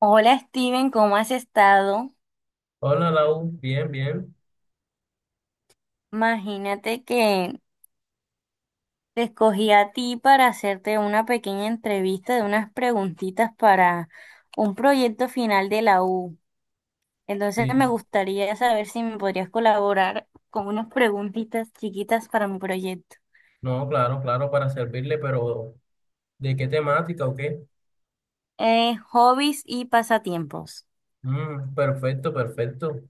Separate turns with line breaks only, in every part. Hola Steven, ¿cómo has estado?
Hola, Lau. Bien, bien.
Imagínate que te escogí a ti para hacerte una pequeña entrevista de unas preguntitas para un proyecto final de la U. Entonces me
Sí.
gustaría saber si me podrías colaborar con unas preguntitas chiquitas para mi proyecto.
No, claro, claro, para servirle, pero ¿de qué temática o qué?
Hobbies y pasatiempos.
Perfecto, perfecto.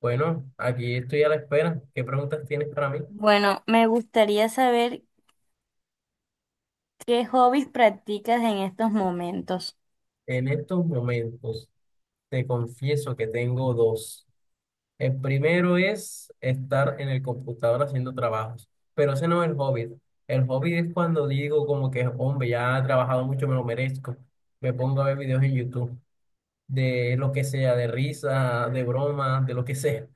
Bueno, aquí estoy a la espera. ¿Qué preguntas tienes para mí?
Bueno, me gustaría saber qué hobbies practicas en estos momentos.
En estos momentos, te confieso que tengo dos. El primero es estar en el computador haciendo trabajos, pero ese no es el hobby. El hobby es cuando digo como que, hombre, ya he trabajado mucho, me lo merezco. Me pongo a ver videos en YouTube, de lo que sea, de risa, de broma, de lo que sea.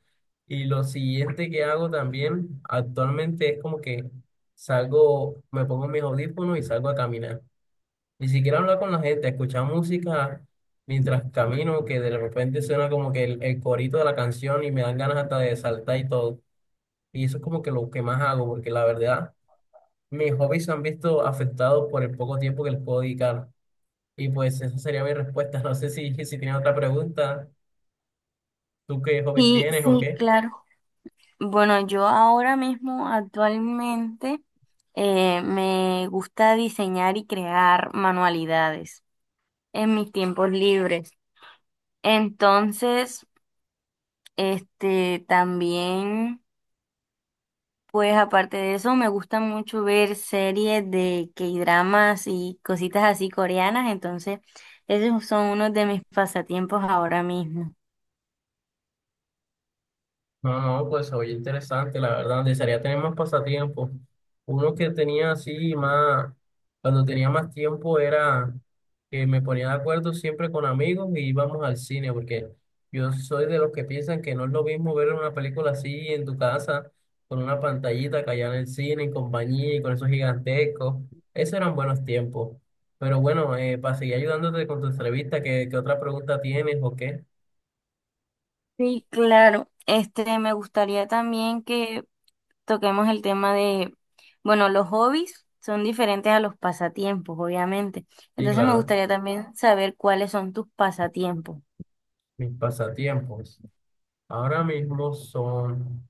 Y lo siguiente que hago también actualmente es como que salgo, me pongo mis audífonos y salgo a caminar. Ni siquiera hablar con la gente, escuchar música mientras camino, que de repente suena como que el corito de la canción y me dan ganas hasta de saltar y todo. Y eso es como que lo que más hago, porque la verdad, mis hobbies se han visto afectados por el poco tiempo que les puedo dedicar. Y pues esa sería mi respuesta. No sé si tienen otra pregunta. ¿Tú qué hobby
Sí,
tienes o
sí,
qué?
claro. Bueno, yo ahora mismo actualmente me gusta diseñar y crear manualidades en mis tiempos libres. Entonces, este también, pues aparte de eso, me gusta mucho ver series de K-dramas y cositas así coreanas. Entonces, esos son unos de mis pasatiempos ahora mismo.
No, no, pues oye, interesante, la verdad. Desearía tener más pasatiempos. Uno que tenía así más, cuando tenía más tiempo era que me ponía de acuerdo siempre con amigos y íbamos al cine, porque yo soy de los que piensan que no es lo mismo ver una película así en tu casa, con una pantallita que allá en el cine, en compañía y con esos gigantescos. Esos eran buenos tiempos. Pero bueno, para seguir ayudándote con tu entrevista, ¿qué, qué otra pregunta tienes o qué?
Sí, claro. Este, me gustaría también que toquemos el tema de, bueno, los hobbies son diferentes a los pasatiempos, obviamente.
Sí,
Entonces me
claro.
gustaría también saber cuáles son tus pasatiempos.
Mis pasatiempos. Ahora mismo son,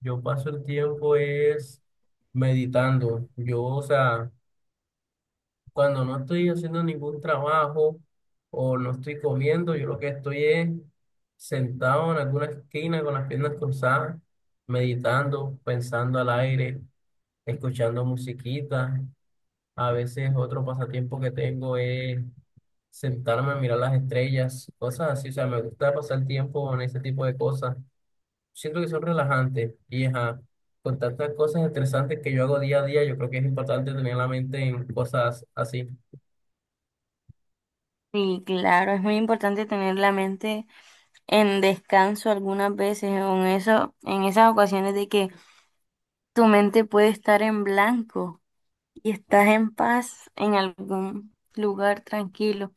yo paso el tiempo es meditando. Yo, o sea, cuando no estoy haciendo ningún trabajo o no estoy comiendo, yo lo que estoy es sentado en alguna esquina con las piernas cruzadas, meditando, pensando al aire, escuchando musiquita. A veces otro pasatiempo que tengo es sentarme a mirar las estrellas, cosas así. O sea, me gusta pasar tiempo en ese tipo de cosas. Siento que son relajantes y ajá, con tantas cosas estresantes que yo hago día a día, yo creo que es importante tener la mente en cosas así.
Sí, claro, es muy importante tener la mente en descanso algunas veces, en eso, en esas ocasiones de que tu mente puede estar en blanco y estás en paz en algún lugar tranquilo.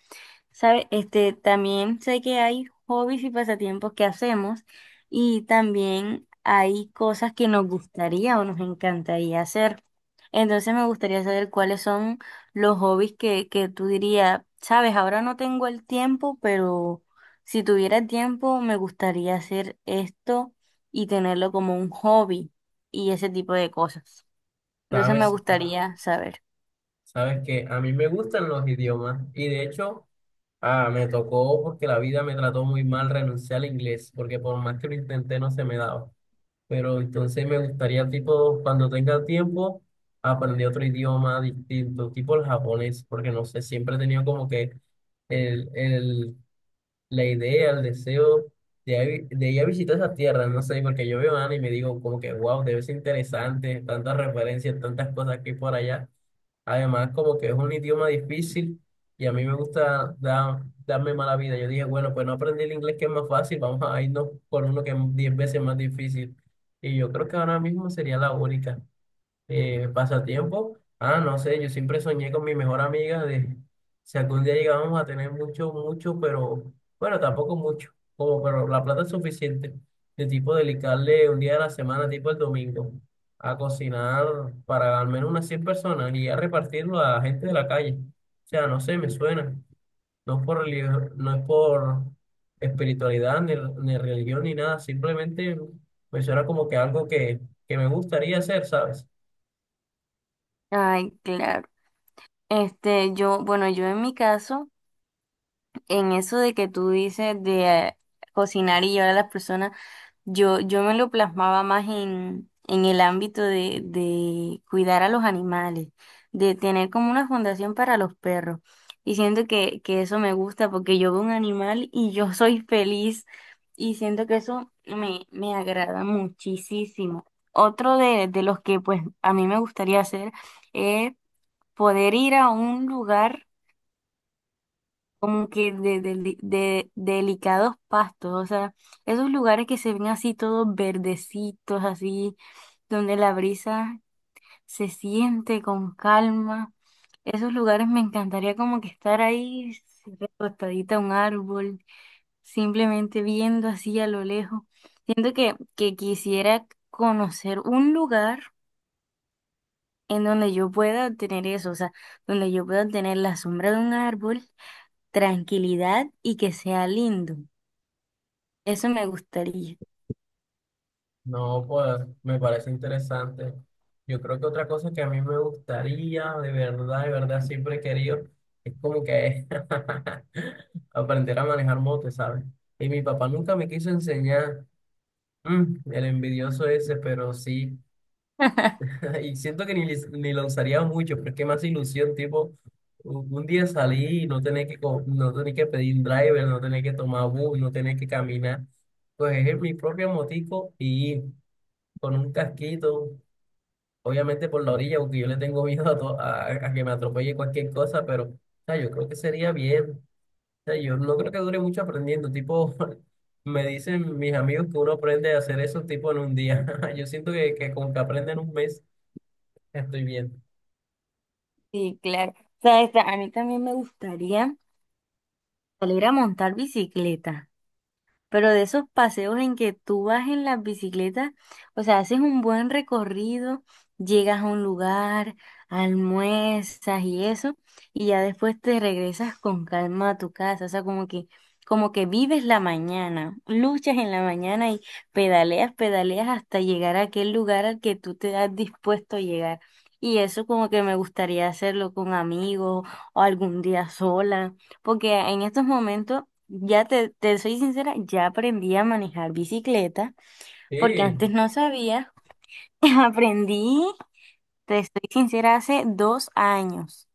¿Sabe? Este, también sé que hay hobbies y pasatiempos que hacemos y también hay cosas que nos gustaría o nos encantaría hacer. Entonces me gustaría saber cuáles son los hobbies que tú dirías, sabes, ahora no tengo el tiempo, pero si tuviera tiempo me gustaría hacer esto y tenerlo como un hobby y ese tipo de cosas. Entonces me
Sabes,
gustaría saber.
sabes que a mí me gustan los idiomas y de hecho me tocó porque la vida me trató muy mal renunciar al inglés, porque por más que lo intenté no se me daba. Pero entonces me gustaría, tipo, cuando tenga tiempo, aprender otro idioma distinto, tipo el japonés, porque no sé, siempre he tenido como que... el la idea, el deseo de ir a visitar esa tierra, no sé, porque yo veo anime y me digo como que, wow, debe ser interesante, tantas referencias, tantas cosas aquí y por allá. Además, como que es un idioma difícil y a mí me gusta darme mala vida. Yo dije, bueno, pues no aprendí el inglés que es más fácil, vamos a irnos por uno que es 10 veces más difícil. Y yo creo que ahora mismo sería la única. Pasatiempo. Ah, no sé, yo siempre soñé con mi mejor amiga de si algún día llegábamos a tener mucho, mucho, pero bueno, tampoco mucho, como pero la plata es suficiente, de tipo dedicarle un día a la semana, tipo el domingo, a cocinar para al menos unas 100 personas y a repartirlo a gente de la calle. O sea, no sé, me suena. No es por no es por espiritualidad, ni, ni religión, ni nada, simplemente me suena como que algo que me gustaría hacer, ¿sabes?
Ay, claro. Este, yo, bueno, yo en mi caso... En eso de que tú dices de cocinar y llevar a las personas, yo me lo plasmaba más en el ámbito de cuidar a los animales, de tener como una fundación para los perros. Y siento que eso me gusta porque yo veo un animal y yo soy feliz y siento que eso me, me agrada muchísimo. Otro de los que pues a mí me gustaría hacer es poder ir a un lugar como que de, de delicados pastos, o sea, esos lugares que se ven así todos verdecitos, así, donde la brisa se siente con calma. Esos lugares me encantaría como que estar ahí recostadita a un árbol, simplemente viendo así a lo lejos. Siento que quisiera conocer un lugar en donde yo pueda tener eso, o sea, donde yo pueda tener la sombra de un árbol, tranquilidad y que sea lindo. Eso me gustaría.
No, pues me parece interesante. Yo creo que otra cosa que a mí me gustaría, de verdad, siempre he querido, es como que aprender a manejar moto, ¿sabes? Y mi papá nunca me quiso enseñar. El envidioso ese, pero sí. Y siento que ni, ni lo usaría mucho, pero es que más ilusión, tipo, un día salí y no tener que pedir driver, no tener que tomar bus, no tener que caminar. Pues es mi propio motico y con un casquito, obviamente por la orilla, porque yo le tengo miedo a que me atropelle cualquier cosa, pero o sea, yo creo que sería bien. O sea, yo no creo que dure mucho aprendiendo. Tipo, me dicen mis amigos que uno aprende a hacer eso tipo en un día. Yo siento que, con que aprenda en un mes estoy bien.
Sí, claro. ¿Sabes? A mí también me gustaría salir a montar bicicleta. Pero de esos paseos en que tú vas en las bicicletas, o sea, haces un buen recorrido, llegas a un lugar, almuerzas y eso, y ya después te regresas con calma a tu casa, o sea, como que vives la mañana, luchas en la mañana y pedaleas, pedaleas hasta llegar a aquel lugar al que tú te has dispuesto a llegar. Y eso como que me gustaría hacerlo con amigos o algún día sola, porque en estos momentos ya te soy sincera, ya aprendí a manejar bicicleta porque antes
Sí,
no sabía. Aprendí, te estoy sincera, hace 2 años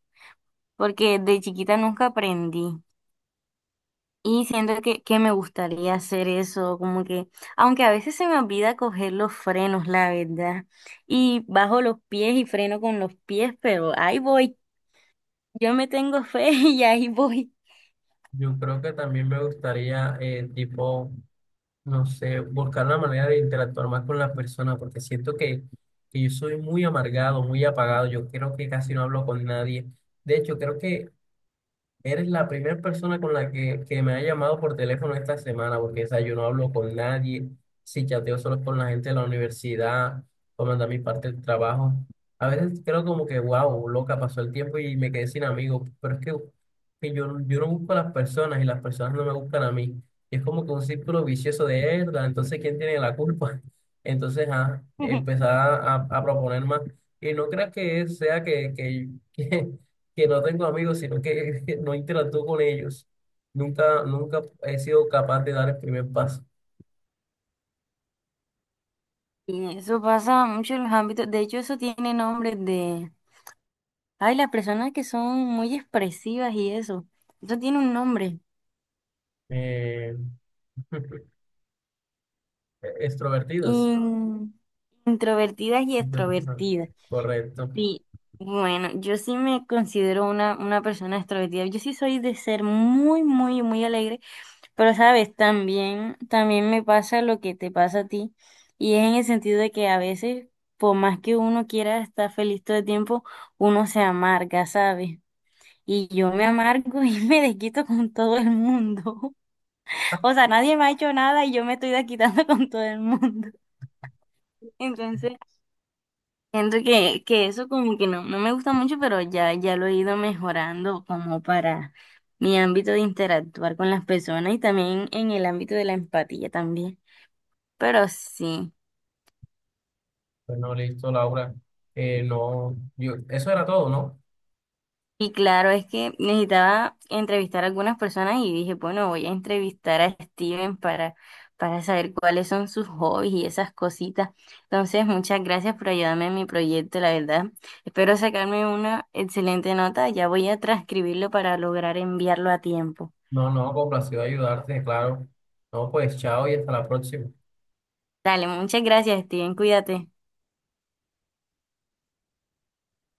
porque de chiquita nunca aprendí y siento que me gustaría hacer eso, como que, aunque a veces se me olvida coger los frenos, la verdad, y bajo los pies y freno con los pies, pero ahí voy, yo me tengo fe y ahí voy.
yo creo que también me gustaría, tipo, no sé, buscar la manera de interactuar más con las personas, porque siento que, yo soy muy amargado, muy apagado. Yo creo que casi no hablo con nadie. De hecho, creo que eres la primera persona con la que me ha llamado por teléfono esta semana, porque o sea, yo no hablo con nadie, si chateo solo con la gente de la universidad, o mandar mi parte del trabajo. A veces creo como que, wow, loca, pasó el tiempo y me quedé sin amigos, pero es que, yo no busco a las personas y las personas no me buscan a mí. Y es como que un círculo vicioso de herda, entonces ¿quién tiene la culpa? Entonces, empezar a proponer más. Y no creas que sea que, que no tengo amigos, sino que no interactúo con ellos. Nunca, nunca he sido capaz de dar el primer paso.
Y eso pasa mucho en los ámbitos, de hecho eso tiene nombre de... Ay, las personas que son muy expresivas y eso. Eso tiene un nombre.
Eh, extrovertidas.
In- Introvertidas y extrovertidas.
Correcto.
Sí, bueno, yo sí me considero una persona extrovertida. Yo sí soy de ser muy, muy, muy alegre. Pero, sabes, también, también me pasa lo que te pasa a ti. Y es en el sentido de que a veces, por más que uno quiera estar feliz todo el tiempo, uno se amarga, ¿sabes? Y yo me amargo y me desquito con todo el mundo. O sea, nadie me ha hecho nada y yo me estoy desquitando con todo el mundo. Entonces, siento que eso como que no, no me gusta mucho, pero ya, ya lo he ido mejorando como para mi ámbito de interactuar con las personas y también en el ámbito de la empatía también. Pero sí.
Bueno, listo, Laura. No, yo, eso era todo, ¿no?
Y claro, es que necesitaba entrevistar a algunas personas y dije, bueno, voy a entrevistar a Steven para saber cuáles son sus hobbies y esas cositas. Entonces, muchas gracias por ayudarme en mi proyecto, la verdad. Espero sacarme una excelente nota. Ya voy a transcribirlo para lograr enviarlo a tiempo.
No, no, complacido ayudarte, claro. No, pues chao y hasta la próxima.
Dale, muchas gracias, Steven. Cuídate.